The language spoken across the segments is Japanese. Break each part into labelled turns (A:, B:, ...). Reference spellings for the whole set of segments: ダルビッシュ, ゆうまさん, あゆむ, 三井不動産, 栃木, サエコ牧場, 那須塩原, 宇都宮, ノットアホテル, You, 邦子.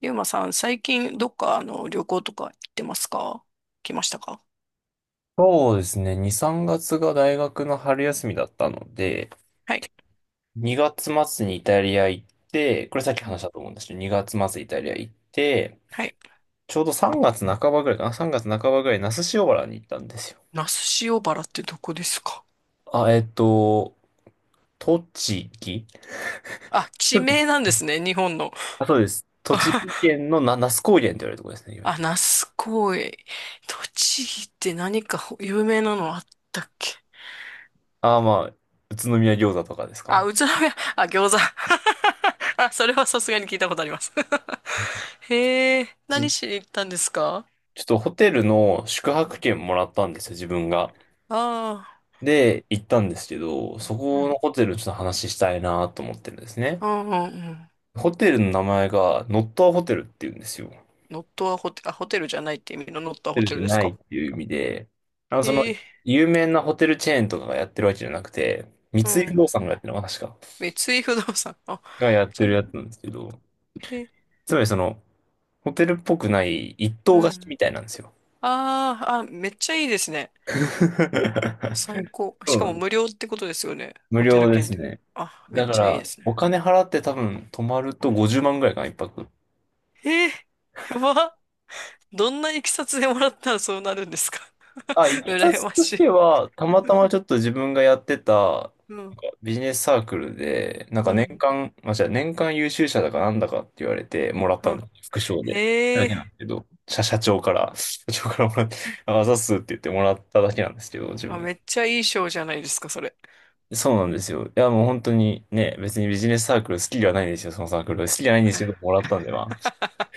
A: ゆうまさん、最近どっか旅行とか行ってますか？来ましたか？
B: そうですね。2、3月がつが大学の春休みだったので、
A: はい。
B: 2月末にイタリア行って、これさっき
A: うん。
B: 話したと思うんですけど、2月末イタリア行って、
A: はい。
B: ちょうど3月半ばぐらいかな？ 3 月半ばぐらい、那須塩原に行ったんですよ。
A: 那須塩原ってどこですか？
B: あ、栃木。
A: あ、地名なんですね、日本の。
B: あ、そうです。栃木 県の那須高原って言われるところですね、いわゆ
A: あ、
B: る。
A: 那須公園。栃木って何か有名なのあったっけ？
B: ああ、まあ、宇都宮餃子とかです
A: あ、
B: か。
A: 宇都宮、あ、餃子。あ、それはさすがに聞いたことあります。へえ、何
B: じ
A: しに行ったんですか？
B: ちょっとホテルの宿泊券もらったんですよ、自分が。
A: あ。
B: で、行ったんですけど、そ
A: あー、う
B: この
A: ん。
B: ホテルちょっと話したいなと思ってるんですね。
A: うん、うん。うん。
B: ホテルの名前がノットアホテルっていうんですよ。ホ
A: ノットアホテル、あ、ホテルじゃないって意味のノットア
B: テ
A: ホ
B: ル
A: テ
B: じゃ
A: ルです
B: ないっ
A: か？
B: ていう意味で、あの、その、
A: ええ。
B: 有名なホテルチェーンとかがやってるわけじゃなくて、三
A: う
B: 井不動
A: ん。
B: 産がやってるのかな、確か。
A: 三井不動産。あ、
B: がやっ
A: じ
B: て
A: ゃ、
B: るやつなんですけど、
A: え、
B: つまりその、ホテルっぽくない一棟
A: う
B: 貸し
A: ん。
B: みたいなんですよ。
A: ああ、あ、めっちゃいいですね。最 高。
B: そ
A: し
B: う
A: か
B: な
A: も
B: の。
A: 無料ってことですよね。
B: 無
A: ホテル
B: 料で
A: 券っ
B: す
A: て。
B: ね。
A: あ、めっ
B: だか
A: ちゃいいで
B: ら、
A: す
B: お
A: ね。
B: 金払って多分泊まると50万ぐらいかな、一泊。
A: ええ。やば。どんないきさつでもらったらそうなるんですか？
B: あ、い きさ
A: 羨
B: つ
A: ま
B: とし
A: し
B: て
A: い。
B: は、たまたまちょっと自分がやってた、なんか
A: うん、
B: ビジネスサークルで、なん
A: う
B: か年
A: ん、
B: 間、まあ、じゃあ年間優秀者だかなんだかって言われてもらったんで、
A: う
B: 副賞で。
A: ん。
B: だ
A: え
B: けなんで
A: え。
B: すけど、社長から、もらって、ああざっすって言ってもらっただけなんですけど、自
A: あ、
B: 分。
A: めっちゃいい賞じゃないですか、それ。
B: そうなんですよ。いや、もう本当にね、別にビジネスサークル好きではないんですよ、そのサークル。好きじゃないんですけど、もらったんで、まあ、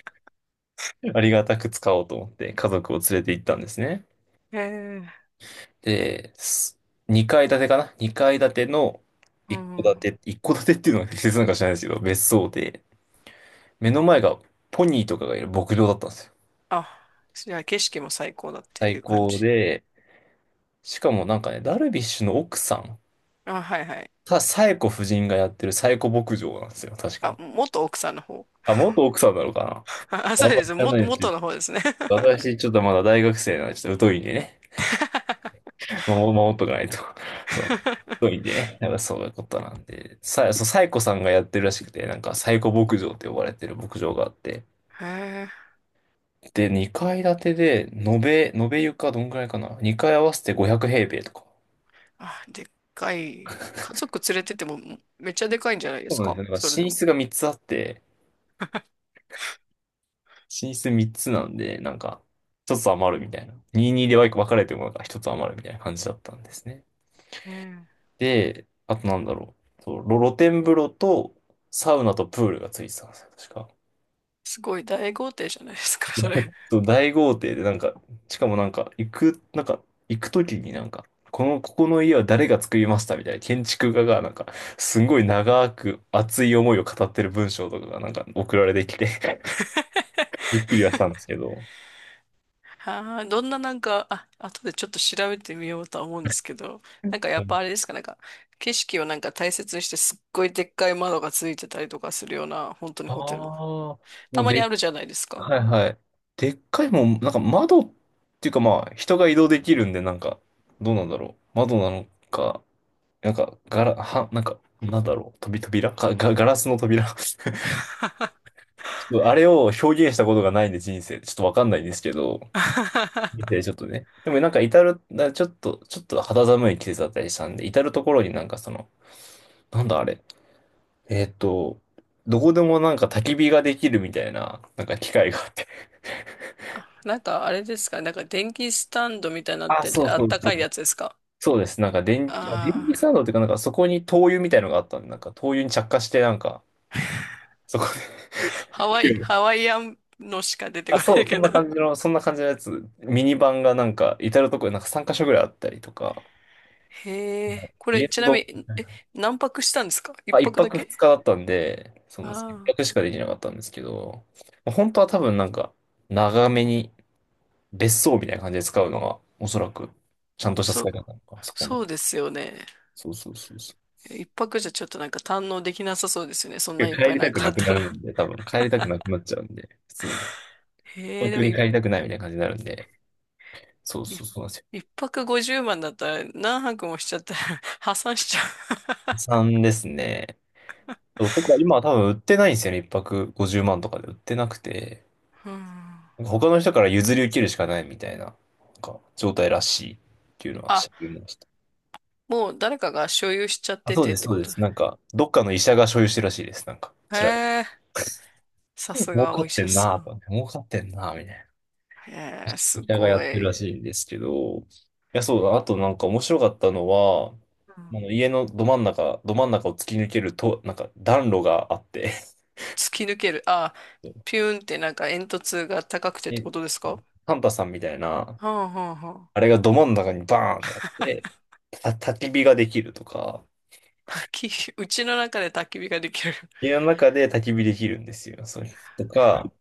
B: ありがたく使おうと思って、家族を連れて行ったんですね。
A: ええ。
B: で、二階建てかな、二階建ての
A: う
B: 一戸
A: ん。
B: 建て、一戸建てっていうのは適切なのか知らないですけど、別荘で、目の前がポニーとかがいる牧場だったんですよ。
A: あ、じゃあ景色も最高だって
B: 最
A: いう感
B: 高
A: じ。
B: で、しかもなんかね、ダルビッシュの奥さん、
A: あ、はいはい。
B: サエコ夫人がやってるサエコ牧場なんですよ、確
A: あ、
B: か。
A: 元奥さんの方。
B: あ、元奥さんなのか
A: あ、あ、
B: な、
A: そ
B: あ
A: う
B: んま
A: で
B: 知
A: す。
B: ら
A: も、
B: ないですけ
A: 元
B: ど、
A: の方ですね。
B: 私ちょっとまだ大学生なんで、ちょっと疎いんでね。守っとかないと。そう。太いん でね。なんかそういうことなんで。そう、サイコさんがやってるらしくて、なんかサイコ牧場って呼ばれてる牧場があって。
A: へえ。
B: で、2階建てで、延べ床どんぐらいかな？ 2 階合わせて500平米とか。
A: あ、でっかい。家族連れててもめっちゃでかいんじゃないで
B: そう
A: す
B: なんです
A: か
B: よ。なんか
A: それで
B: 寝
A: も。
B: 室が3つあって、寝室3つなんで、なんか、1つ余るみたいな。22で分かれてもなんか1つ余るみたいな感じだったんですね。
A: うん。
B: で、あとなんだろう。そう、露天風呂とサウナとプールがついてたんですよ、確か。
A: すごい大豪邸じゃないですか、それ。
B: そう、大豪邸で、なんか、しかもなんか、行くときになんか、この、ここの家は誰が作りましたみたいな、建築家がなんか、すごい長く熱い思いを語ってる文章とかがなんか送られてきて、 びっくりはしたんです けど。
A: はあ、どんな、あ、後でちょっと調べてみようとは思うんですけど、やっぱあれですか、景色を大切にしてすっごいでっかい窓がついてたりとかするような、本当に
B: あ
A: ホテル。
B: あー、も
A: た
B: う
A: まにあ
B: で、
A: るじゃないですか。
B: はいはい。でっかいもん、なんか窓っていうか、まあ、人が移動できるんで、なんか、どうなんだろう。窓なのか、なんか、なんだろう。飛び扉か、ガラスの扉。 あれを表現したことがないんで人生でちょっとわかんないんですけど、見 てちょっとね。でもなんか至る、なちょっと、ちょっと肌寒い季節だったりしたんで、至るところになんかその、なんだあれ、えーっと、どこでもなんか焚き火ができるみたいな、なんか機械があって。
A: あ、あれですか電気スタンドみたいになっ
B: あ、
A: て
B: そ
A: て
B: う
A: あ
B: そ
A: っ
B: う
A: た
B: そ
A: かい
B: う。
A: やつですか？
B: そうです。なんか電気スタ
A: あ。
B: ンド
A: あ
B: っていうか、なんかそこに灯油みたいのがあったんで、なんか灯油に着火して、なんか、そこ
A: ー、
B: で
A: ハワ
B: 火
A: イ、
B: を
A: ハワイアンのしか出て
B: あ、
A: こ
B: そ
A: ない
B: う、
A: けど。
B: そんな感じのやつ、ミニバンがなんか、至るところになんか3カ所ぐらいあったりとか、
A: へえ、これ
B: 家
A: ち
B: の
A: なみ
B: ど
A: に、え、何泊したんですか？一
B: まあ、一
A: 泊だ
B: 泊
A: け？
B: 二日だったんで、その、一
A: あ。あ、
B: 泊しかできなかったんですけど、まあ本当は多分なんか、長めに別荘みたいな感じで使うのが、おそらく、ちゃんとした
A: そ
B: 使
A: う、
B: い方なのか、そこの。
A: そうですよね。
B: そうそうそうそ
A: 一泊じゃちょっと堪能できなさそうですよね。そんな
B: う。
A: いっ
B: 帰
A: ぱい
B: りたく
A: あ
B: な
A: っ
B: く
A: た
B: な
A: ら。
B: るんで、多分帰りたくなくなっちゃうんで、普通に。
A: へえ、
B: 東
A: で
B: 京
A: も
B: に帰
A: い、
B: りたくないみたいな感じになるんで、そう
A: い、
B: そうそうなんですよ。
A: 一泊50万だったら何泊もしちゃったら 破産しちゃ
B: 3ですね。男は今は多分売ってないんですよね。一泊50万とかで売ってなくて、
A: う。うん。
B: なんか他の人から譲り受けるしかないみたいな、なんか状態らしいっていうのは知っ
A: あ、
B: てました。
A: もう誰かが所有しちゃっ
B: あ、
A: て
B: そう
A: て
B: で
A: っ
B: す、
A: て
B: そう
A: こ
B: で
A: と。
B: す。なんか、どっかの医者が所有してるらしいです。なんか、
A: へ
B: 調べて。
A: え、さす
B: 儲
A: が
B: か
A: お医
B: って
A: 者
B: ん
A: さ
B: なぁと
A: ん。
B: 思って、儲かってんなぁみたいな。
A: へえ、す
B: 医者がや
A: ご
B: ってる
A: い。
B: らしいんですけど、いや、そうだ。あとなんか面白かったのは、
A: う
B: あ
A: ん。
B: の家のど真ん中、ど真ん中を突き抜けると、なんか暖炉があって、
A: 突き抜ける。あ、ピューンって煙突が高くてって
B: で、
A: ことですか？は
B: サンタさんみたいな、
A: あ、はあ、は
B: あれがど真ん中にバーンってあって、
A: あ。
B: 焚き火ができるとか、
A: 焚き火、うちの中で焚き火ができる。
B: 家の中で焚き火できるんですよ。それとか、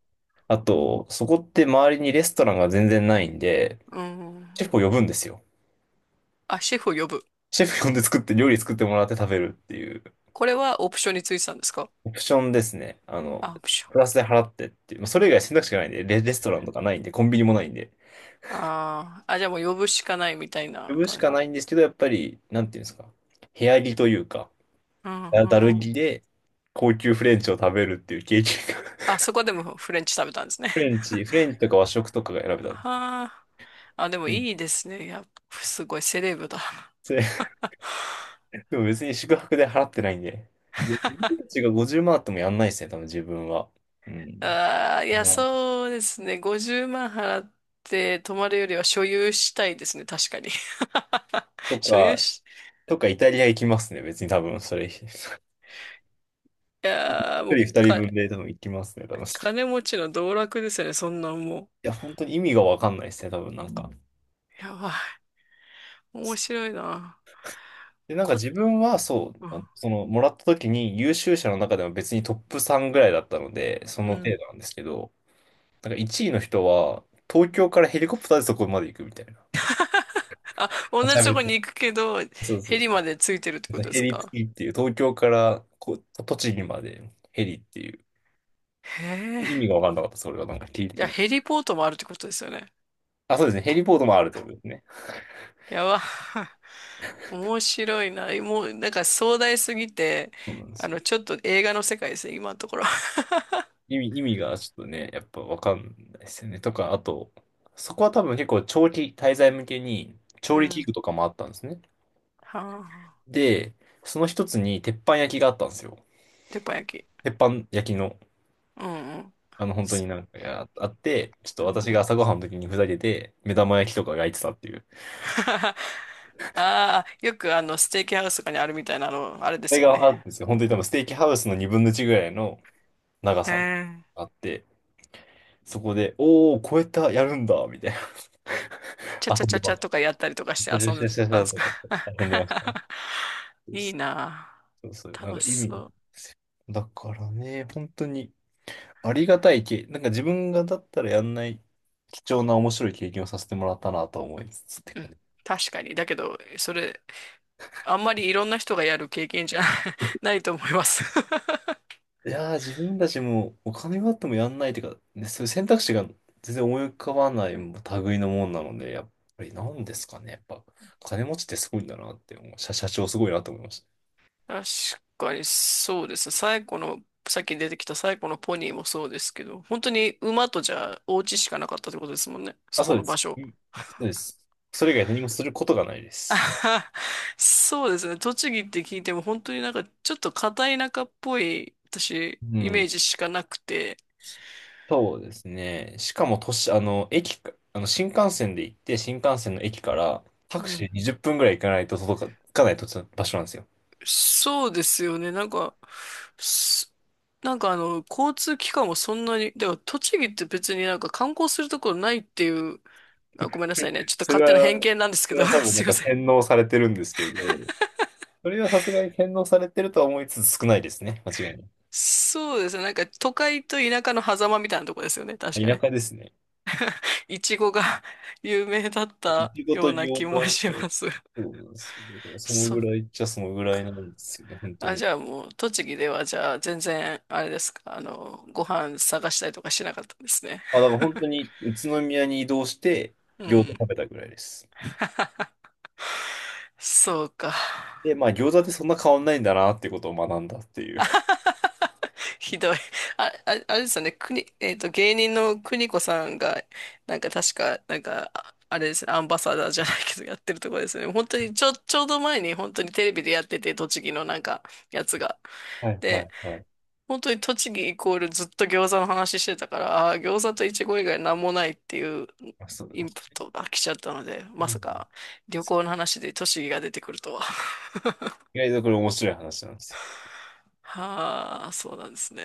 B: あと、そこって周りにレストランが全然ないんで、
A: う
B: シェ
A: ん。
B: フを呼ぶんですよ。
A: あ、シェフを呼ぶ。
B: シェフ呼んで作って、料理作ってもらって食べるっていう、
A: これはオプションについてたんですか？
B: オプションですね。あの、
A: あ、オプション
B: プラ
A: か。
B: スで払ってっていう、まあ、それ以外選択肢がないんで、レストランとかないんで、コンビニもないんで、
A: あー、あ、じゃあもう呼ぶしかないみたい
B: 呼
A: な
B: ぶし
A: 感じ。
B: かないんですけど、やっぱり、なんていうんですか、部屋着というか、
A: うん、う
B: だ
A: ん。
B: る着で、高級フレンチを食べるっていう経験が。
A: あ、そこでもフレンチ食べたんですね。
B: フレンチとか和食とかが選べた。う
A: はあ。あ、でもいい
B: ん、
A: ですね。いや、すごいセレブだ。
B: それ でも別に宿泊で払ってないんで。で、うちが50万あってもやんないですね、多分自分は。うん。
A: ああ、い
B: ね、
A: や、そうですね。50万払って泊まるよりは所有したいですね。確かに。
B: と
A: 所有
B: か、
A: し、
B: とかイタリア行きますね、別に多分それ。一
A: いやー、も
B: 人
A: う
B: 二人
A: か、
B: 分で多分行きますね、多分。い
A: 金持ちの道楽ですよね。そんなんも
B: や、本当に意味がわかんないですね、多分なんか。
A: う。やばい。面白いな。
B: で、なんか
A: こ、
B: 自分はそう、
A: う
B: あの
A: ん。
B: その、もらった時に優秀者の中でも別にトップ3ぐらいだったので、そ
A: う
B: の程
A: ん。
B: 度なんですけど、なんか1位の人は、東京からヘリコプターでそこまで行くみたいな。
A: あ、同
B: めちゃ
A: じと
B: め
A: こ
B: ちゃ。
A: に行くけど、
B: そうそ
A: ヘ
B: う。
A: リまでついてるってことで
B: ヘ
A: す
B: リ
A: か。
B: 付きっていう、東京からこう栃木までヘリっていう、
A: へえ。
B: 意味が分かんなかった、それがなんか聞い
A: い
B: て
A: や、
B: も。
A: ヘリポートもあるってことですよね。
B: あ、そうですね、ヘリポートもあるってことですね。
A: やば。面白いな。もう、壮大すぎて、
B: そうなんです
A: あ
B: よ。
A: の、ちょっと映画の世界ですね、今のところ。
B: 意味がちょっとね、やっぱ分かんないですよね。とか、あと、そこは多分結構長期滞在向けに
A: う
B: 調理器
A: ん。
B: 具とかもあったんですね。
A: はあ。
B: で、その一つに鉄板焼きがあったんですよ。
A: 鉄板焼き。
B: 鉄板焼きの、
A: うん、うん。
B: あの本当に
A: す。
B: なんかやあって、ちょっと
A: うん。
B: 私が朝ごはんの時にふざけて目玉焼きとか焼いてたっていう。
A: ああ、よくあの、ステーキハウスとかにあるみたいな、あの、あれで
B: れ
A: すよ
B: があ
A: ね。
B: かるんですよ。
A: う
B: 本当
A: ん。
B: に多分ステーキハウスの2分の1ぐらいの長
A: え
B: さが
A: ー、
B: あって、そこで、おー、超えた、やるんだ、みたいな。
A: チャチャ
B: 遊ん
A: チ
B: で
A: ャチ
B: ま
A: ャ
B: す。
A: とかやったりとかして
B: シャ
A: 遊
B: シ
A: ん
B: ャ
A: で
B: シャシャシ
A: たん
B: ャ
A: です
B: と
A: か？
B: かやって遊んでました。
A: いいな
B: そうそう、
A: あ。
B: なんか
A: 楽し
B: 意味。
A: そ
B: だからね、本当にありがたい経なんか自分がだったらやんない貴重な面白い経験をさせてもらったなと思いつつって
A: う。う
B: 感
A: ん。
B: じ。
A: 確かに。だけど、それ、あんまりいろんな人がやる経験じゃ ないと思います。
B: いやー、自分たちもお金があってもやんないっていうか、ね、そういう選択肢が全然思い浮かばない類のもんなので、やっぱりなんですかね。やっぱ、金持ちってすごいんだなって思う。社長すごいなと思いました。
A: 確かにそうですね、最後の、さっき出てきた最後のポニーもそうですけど、本当に馬とじゃあお家しかなかったってことですもんね。
B: あ、
A: そ
B: そ
A: こ
B: うで
A: の場
B: す。う
A: 所。
B: ん、そうです。それ以外何もすることがないで
A: あ
B: す。
A: はは。そうですね。栃木って聞いても本当にちょっと片田舎っぽい私
B: う
A: イメ
B: ん。
A: ージしかなくて。
B: そうですね。しかも、都市、あの、駅か、あの、新幹線で行って、新幹線の駅からタ
A: う
B: クシー
A: ん。
B: で20分ぐらい行かないと届か、行かないと場所なんですよ。
A: そうですよね。すあの、交通機関もそんなに、だから栃木って別に観光するところないっていう、あ、ごめんなさいね。ちょっと勝手な偏
B: そ
A: 見なんですけ
B: れ
A: ど、
B: は多 分な
A: すい
B: ん
A: ま
B: か
A: せん。
B: 洗脳されてるんですけど、それはさすがに洗脳されてるとは思いつつ少ないですね。間違いな
A: そうですね。都会と田舎の狭間みたいなとこですよね。確
B: い。
A: か
B: 田
A: ね。
B: 舎ですね。
A: いちごが 有名だっ
B: い
A: た
B: ちごと
A: ような気
B: 餃
A: も
B: 子っ
A: し
B: て
A: ます。
B: そ うなんですけど、その
A: そ
B: ぐ
A: う。
B: らいっちゃそのぐらいなんですよね、本当
A: あ、
B: に。
A: じゃあもう、栃木ではじゃあ全然、あれですか、あの、ご飯探したりとかしなかったんですね。
B: あ、だから本当に宇都宮に移動して
A: う
B: 餃子食
A: ん。
B: べたぐらいです。
A: そうか。
B: で、まあ餃子ってそんな変わんないんだなってことを学んだっていう。
A: ひどい。あ、あ、あれですよね、国、芸人の邦子さんが、確か、あれですね、アンバサダーじゃないけど、やってるところですよね。本当に、ちょ、ちょうど前に、本当にテレビでやってて、栃木の、やつが。
B: はいは
A: で、
B: いはい。
A: 本当に栃木イコールずっと餃子の話してたから、あー、餃子とイチゴ以外なんもないっていう
B: あ、そうだ
A: イ
B: な。
A: ンプットが来ちゃったので、
B: う
A: ま
B: ん、
A: さか旅行の話で栃木が出てくるとは。
B: 意外とこれ面白い話なんですよ。
A: はあ、そうなんですね。